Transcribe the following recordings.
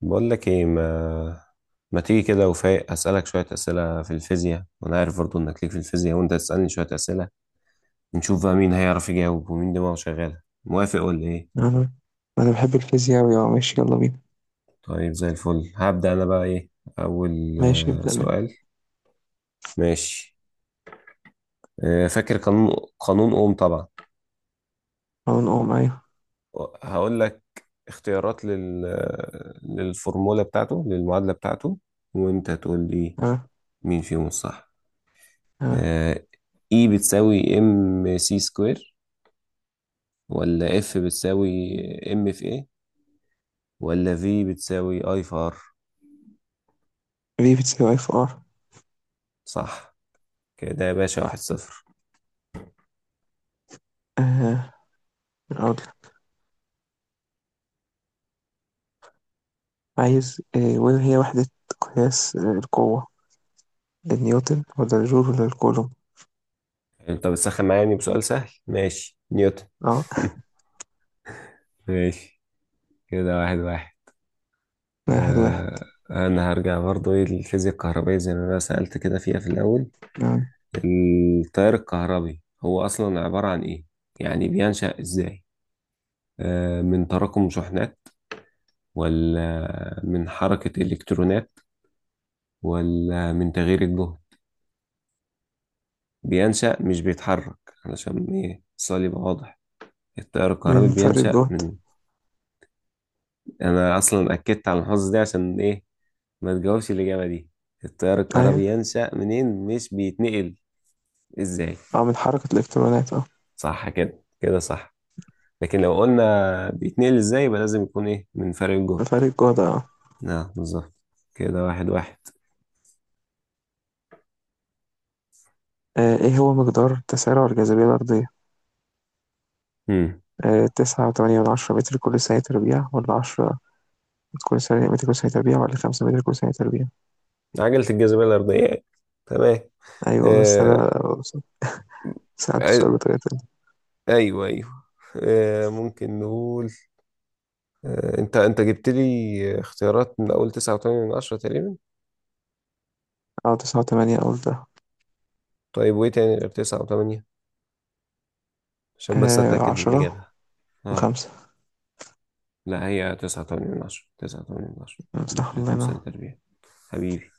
بقول لك ايه ما تيجي كده وفايق اسالك شويه اسئله في الفيزياء، وانا عارف برضو انك ليك في الفيزياء وانت تسالني شويه اسئله. نشوف بقى مين هيعرف يجاوب ومين دماغه شغاله. موافق ولا ايه؟ أنا أنا بحب الفيزياء أوي. ماشي، يلا بينا. طيب زي الفل. هبدا انا بقى ايه اول ماشي، ابدأ من. سؤال. ماشي. فاكر قانون اوم طبعا. أو نقوم معايا. هقول لك اختيارات لل آه، للفورمولا بتاعته، للمعادله بتاعته، وانت تقول لي أه مين فيهم الصح. أه آه، E بتساوي ام سي سكوير، ولا اف بتساوي ام في ايه، ولا في بتساوي اي في ار؟ في بتساوي اف ار. صح. كده يا باشا 1-0. أه أقول لك. عايز وين هي وحدة قياس القوة، النيوتن ولا الجول ولا الكولوم؟ انت بتسخن معايا يعني بسؤال سهل. ماشي، نيوتن. أه، ماشي. كده 1-1. 1-1. آه، انا هرجع برضو ايه للفيزياء الكهربائية زي ما انا سألت كده فيها في الاول. أه التيار الكهربي هو اصلا عبارة عن ايه؟ يعني بينشأ ازاي؟ آه، من تراكم شحنات، ولا من حركة الكترونات، ولا من تغيير الجهد؟ بينشأ مش بيتحرك، علشان ايه السؤال يبقى واضح. التيار الكهربي من فرق بينشأ الجهد. منين؟ انا اصلا اكدت على المحافظة دي عشان ايه ما تجاوبش الاجابة دي. التيار أيوة. الكهربي ينشأ منين، مش بيتنقل؟ ازاي؟ من حركة الإلكترونات. صح. كده صح. لكن لو قلنا بيتنقل ازاي يبقى لازم يكون ايه من فرق من الجهد. فرق الجهد. أه نعم، بالظبط. كده 1-1. آه، إيه هو مقدار تسارع الجاذبية الأرضية؟ امم 9.8 متر كل ثانية تربيع، ولا 10 متر كل ثانية متر كل ثانية تربيع، ولا 5 متر كل ثانية تربيع؟ عجلة الجاذبية الأرضية. تمام. أيوة، بس آه... أنا سألت سؤال آه، بطريقة تانية. ايوه ايوه. ممكن نقول، انت جبت لي اختيارات من اول 9.8 تقريبا. تسعة وتمانية قلتها. طيب وايه تاني غير 9.8؟ عشان بس آه، اتاكد من 10 الاجابة. اه. وخمسة. لا، هي 9.8، 9.8 صح، مثل الله كل سنة ينور. تربية. حبيبي.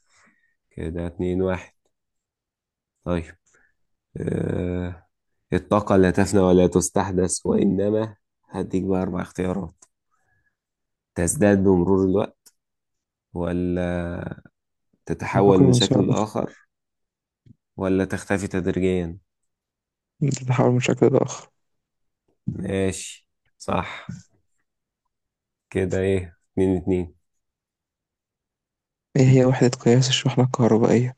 كده 2-1. طيب. آه. الطاقة لا تفنى ولا تستحدث، وإنما هديك بقى أربع اختيارات: تزداد بمرور الوقت، ولا تتحول ننتقل من من سؤال شكل أخرى. لآخر، ولا تختفي تدريجيا. تتحول من شكل لآخر. ماشي، صح. كده ايه، 2-2. إيه هي وحدة قياس الشحنة الكهربائية؟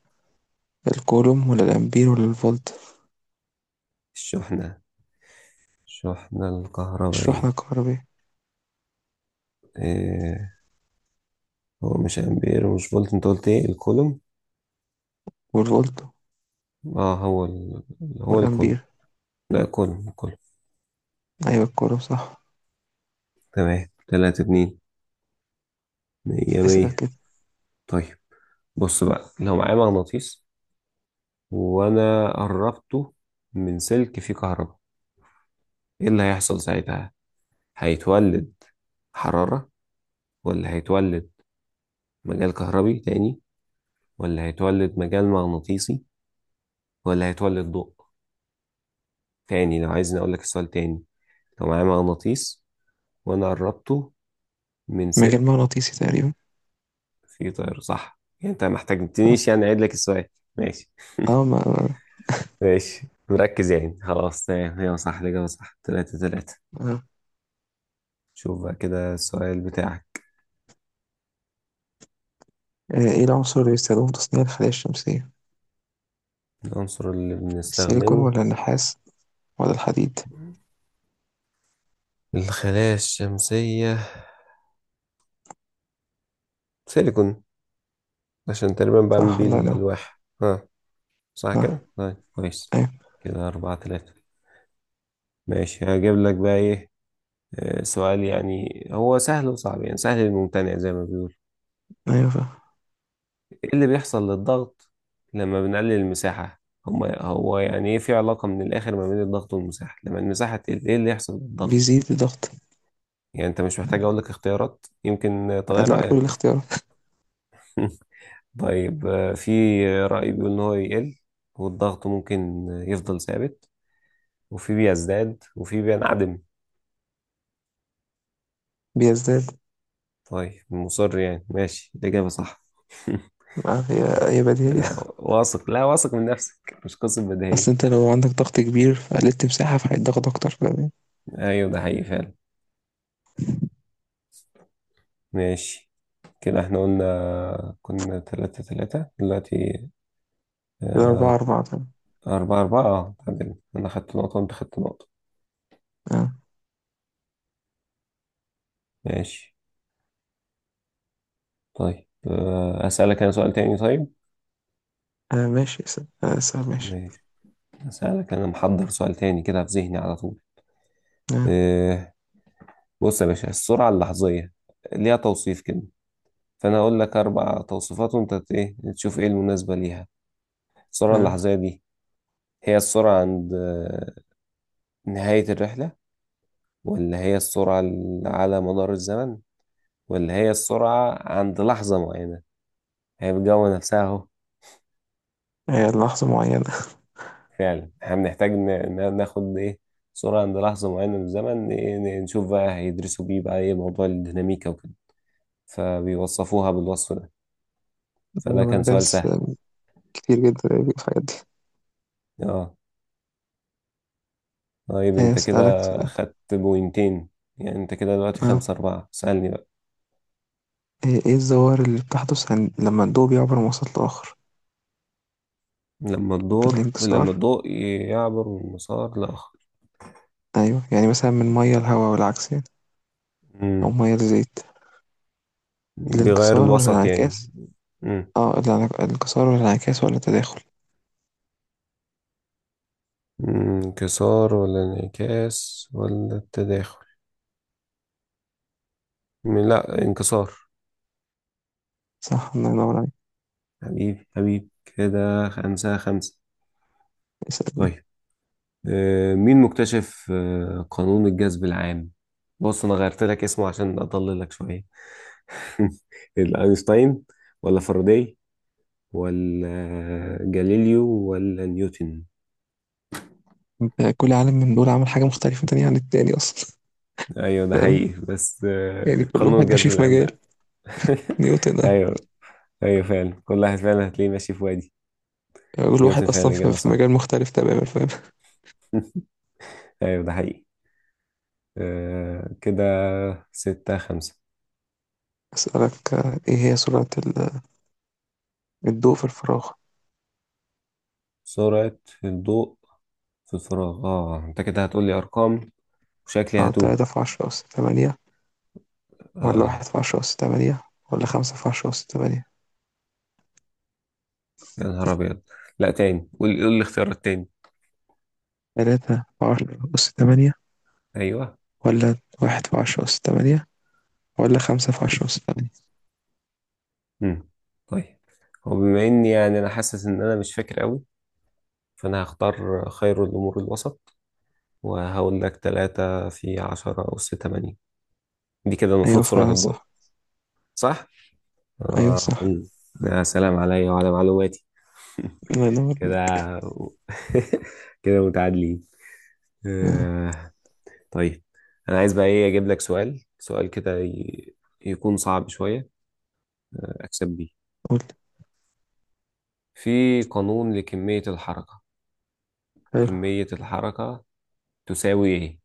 الكولوم ولا الأمبير ولا الفولت؟ الشحنة الشحنة الكهربائية. الشحنة الكهربائية. إيه، هو مش امبير ومش فولت، انت قلت ايه؟ الكولوم. والفولت. اه، هو هو الكولوم. والأمبير. لا، كولوم كولوم. أيوة، الكولوم صح. تمام، 3-2. مية اسأل مية. كده. طيب، بص بقى لو معايا مغناطيس وانا قربته من سلك فيه كهرباء، ايه اللي هيحصل ساعتها؟ هيتولد حرارة، ولا هيتولد مجال كهربي تاني، ولا هيتولد مجال مغناطيسي، ولا هيتولد ضوء؟ تاني، لو عايزني أقول لك السؤال تاني: لو معايا مغناطيس وأنا قربته من مجال سلك. مغناطيسي تقريبا. في طير صح؟ يعني أنت ما صح. احتاجتنيش يعني أعيد لك السؤال. ماشي. اه ما ما- ماشي، مركز يعني، خلاص تمام. هي صح، الإجابة صح. 3-3. آه. شوف بقى كده السؤال بتاعك. ايه العنصر اللي بيستخدمه في تصنيع الخلايا الشمسية؟ العنصر اللي السيليكون بنستخدمه؟ ولا النحاس ولا الحديد؟ الخلايا الشمسية. سيليكون، عشان تقريبا بعمل صح، بيه الله ينور. الألواح. ها، صح صح. كده؟ طيب، كويس. ايوه، كده 4-3. ماشي، هجيب لك بقى إيه، سؤال يعني هو سهل وصعب، يعني سهل للممتنع زي ما بيقول. ايوه، فاهم. ايه اللي بيحصل للضغط لما بنقلل المساحة؟ هو يعني ايه، في علاقة من الآخر ما بين الضغط والمساحة، لما المساحة تقل ايه اللي يحصل للضغط؟ بيزيد الضغط. يعني انت مش محتاج اقول لك اختيارات يمكن تغير لأ، قول رأيك. الاختيارات. طيب، في رأي بيقول ان هو يقل، والضغط ممكن يفضل ثابت، وفي بيزداد، وفي بينعدم. بيزداد. طيب، مصر يعني ماشي، الإجابة صح. ما هي هي بديهية. واثق لا واثق من نفسك، مش قصة بديهية. أصل أنت لو عندك ضغط كبير فقللت مساحة، فهيتضغط أكتر، فاهم. ايوه، ده حقيقي فعلا. ماشي. كده احنا قلنا كنا 3-3 دلوقتي. كده أربعة آه، أربعة تمام. 4-4، اه تعادلنا، أنا خدت نقطة وأنت خدت نقطة. آه. ماشي. طيب، أسألك أنا سؤال تاني. طيب، ماشي. ماشي، أسألك أنا محضر سؤال تاني كده في ذهني على طول. آه. آه، بص يا باشا، السرعة اللحظية ليها توصيف كده، فأنا هقول لك أربع توصيفات وأنت إيه تشوف إيه المناسبة ليها. السرعة آه. اللحظية دي هي السرعة عند نهاية الرحلة، ولا هي السرعة على مدار الزمن، ولا هي السرعة عند لحظة معينة؟ هي بتجوه نفسها اهو. هي لحظة معينة. فعلا احنا بنحتاج ناخد ايه سرعة عند لحظة معينة من الزمن. نشوف بقى هيدرسوا بيه بقى ايه موضوع الديناميكا وكده. فبيوصفوها بالوصف ده. فده أيوة، ما أنا كان سؤال دارس سهل. كتير جدا في الحاجات دي. اه طيب، انت كده أسألك سؤال. خدت بوينتين. يعني انت كده دلوقتي آه. 5-4. سألني بقى. إيه الظواهر اللي بتحدث عن لما الضوء بيعبر من وسط لآخر؟ لما الانكسار. الضوء يعبر من مسار لآخر. أيوة، يعني مثلا من مية لهواء والعكس يعني. أو مم. مية لزيت. بيغير الانكسار الوسط يعني. والانعكاس. مم. الانكسار ولا الانعكاس ولا التداخل؟ مم، انكسار ولا انعكاس ولا التداخل؟ لا، انكسار. صح، الله ينور عليك. حبيبي، حبيبي، كده 5-5. يسألني. طيب، مين مكتشف قانون الجذب العام؟ بص انا غيرت لك اسمه عشان اضللك شوية. اينشتاين، ولا فاراداي، ولا جاليليو، ولا نيوتن؟ انت كل عالم من دول عمل حاجة مختلفة تانية عن التاني أصلا. ايوه ده فاهم. حقيقي، بس يعني كل قانون واحد ماشي الجذب في العام بقى. مجال. نيوتن ده. ايوه، ايوه فعلا، كل واحد فعلا هتلاقيه ماشي في وادي. كل واحد نيوتن، فعلا أصلا في الاجابه في صح. مجال مختلف تماما، فاهم. ايوه ده حقيقي. آه كده 6-5. أسألك، إيه هي سرعة الضوء في الفراغ؟ سرعة الضوء في الفراغ. اه انت كده هتقولي ارقام وشكلي اه هتوه. 3×10^8، ولا واحد اه، في عشرة أس تمانية ولا 5×10^8؟ يا نهار ابيض. لا تاني، قول الاختيارات تاني. 3×10^8، ايوه. ولا واحد في عشرة أس تمانية، ولا خمسة في عشرة أس تمانية؟ امم طيب، هو بما اني يعني انا حاسس ان انا مش فاكر قوي، فانا هختار خير الامور الوسط، وهقول لك 3×10⁸. دي كده المفروض أيوة سرعة فعلا الضوء. صح. صح؟ أيوة اه. صح. يا سلام عليا وعلى معلوماتي. الله ينور. كده كده متعادلين. آه، آه، طيب انا عايز بقى ايه اجيب لك سؤال كده يكون صعب شوية اكسب بيه. قول. في قانون لكمية الحركة. حلو. كمية الحركة تساوي ايه؟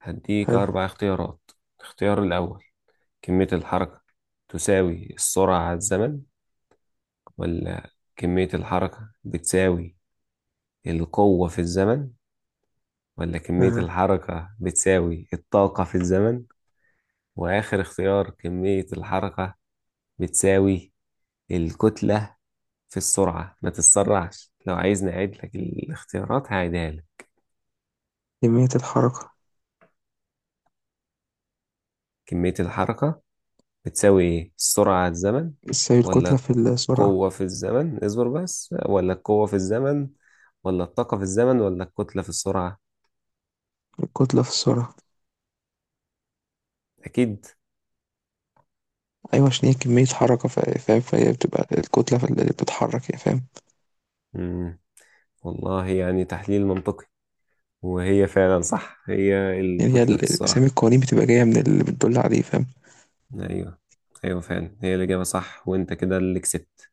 هديك حلو. اربع اختيارات. الاختيار الاول كمية الحركة تساوي السرعة على الزمن، ولا كمية الحركة بتساوي القوة في الزمن، ولا كمية آه، الحركة بتساوي الطاقة في الزمن، وآخر اختيار كمية الحركة بتساوي الكتلة في السرعة. ما تتسرعش، لو عايز نعيد لك الاختيارات هعيدها لك. كمية الحركة. كمية الحركة بتساوي ايه؟ السرعة على الزمن، ازاي؟ الكتلة ولا في السرعة. القوة في الزمن، اصبر بس، ولا القوة في الزمن، ولا الطاقة في الزمن، ولا الكتلة في السرعة؟ الكتلة في السرعة. أكيد. أيوة، عشان هي كمية حركة، فاهم. فهي بتبقى الكتلة في اللي بتتحرك، يعني فاهم. مم. والله، يعني تحليل منطقي. وهي فعلا صح، هي يعني هي الكتلة في أسامي السرعة. القوانين بتبقى جاية من اللي بتدل عليه، فاهم. أيوه، أيوه فعلا هي الإجابة صح، وأنت كده اللي كسبت.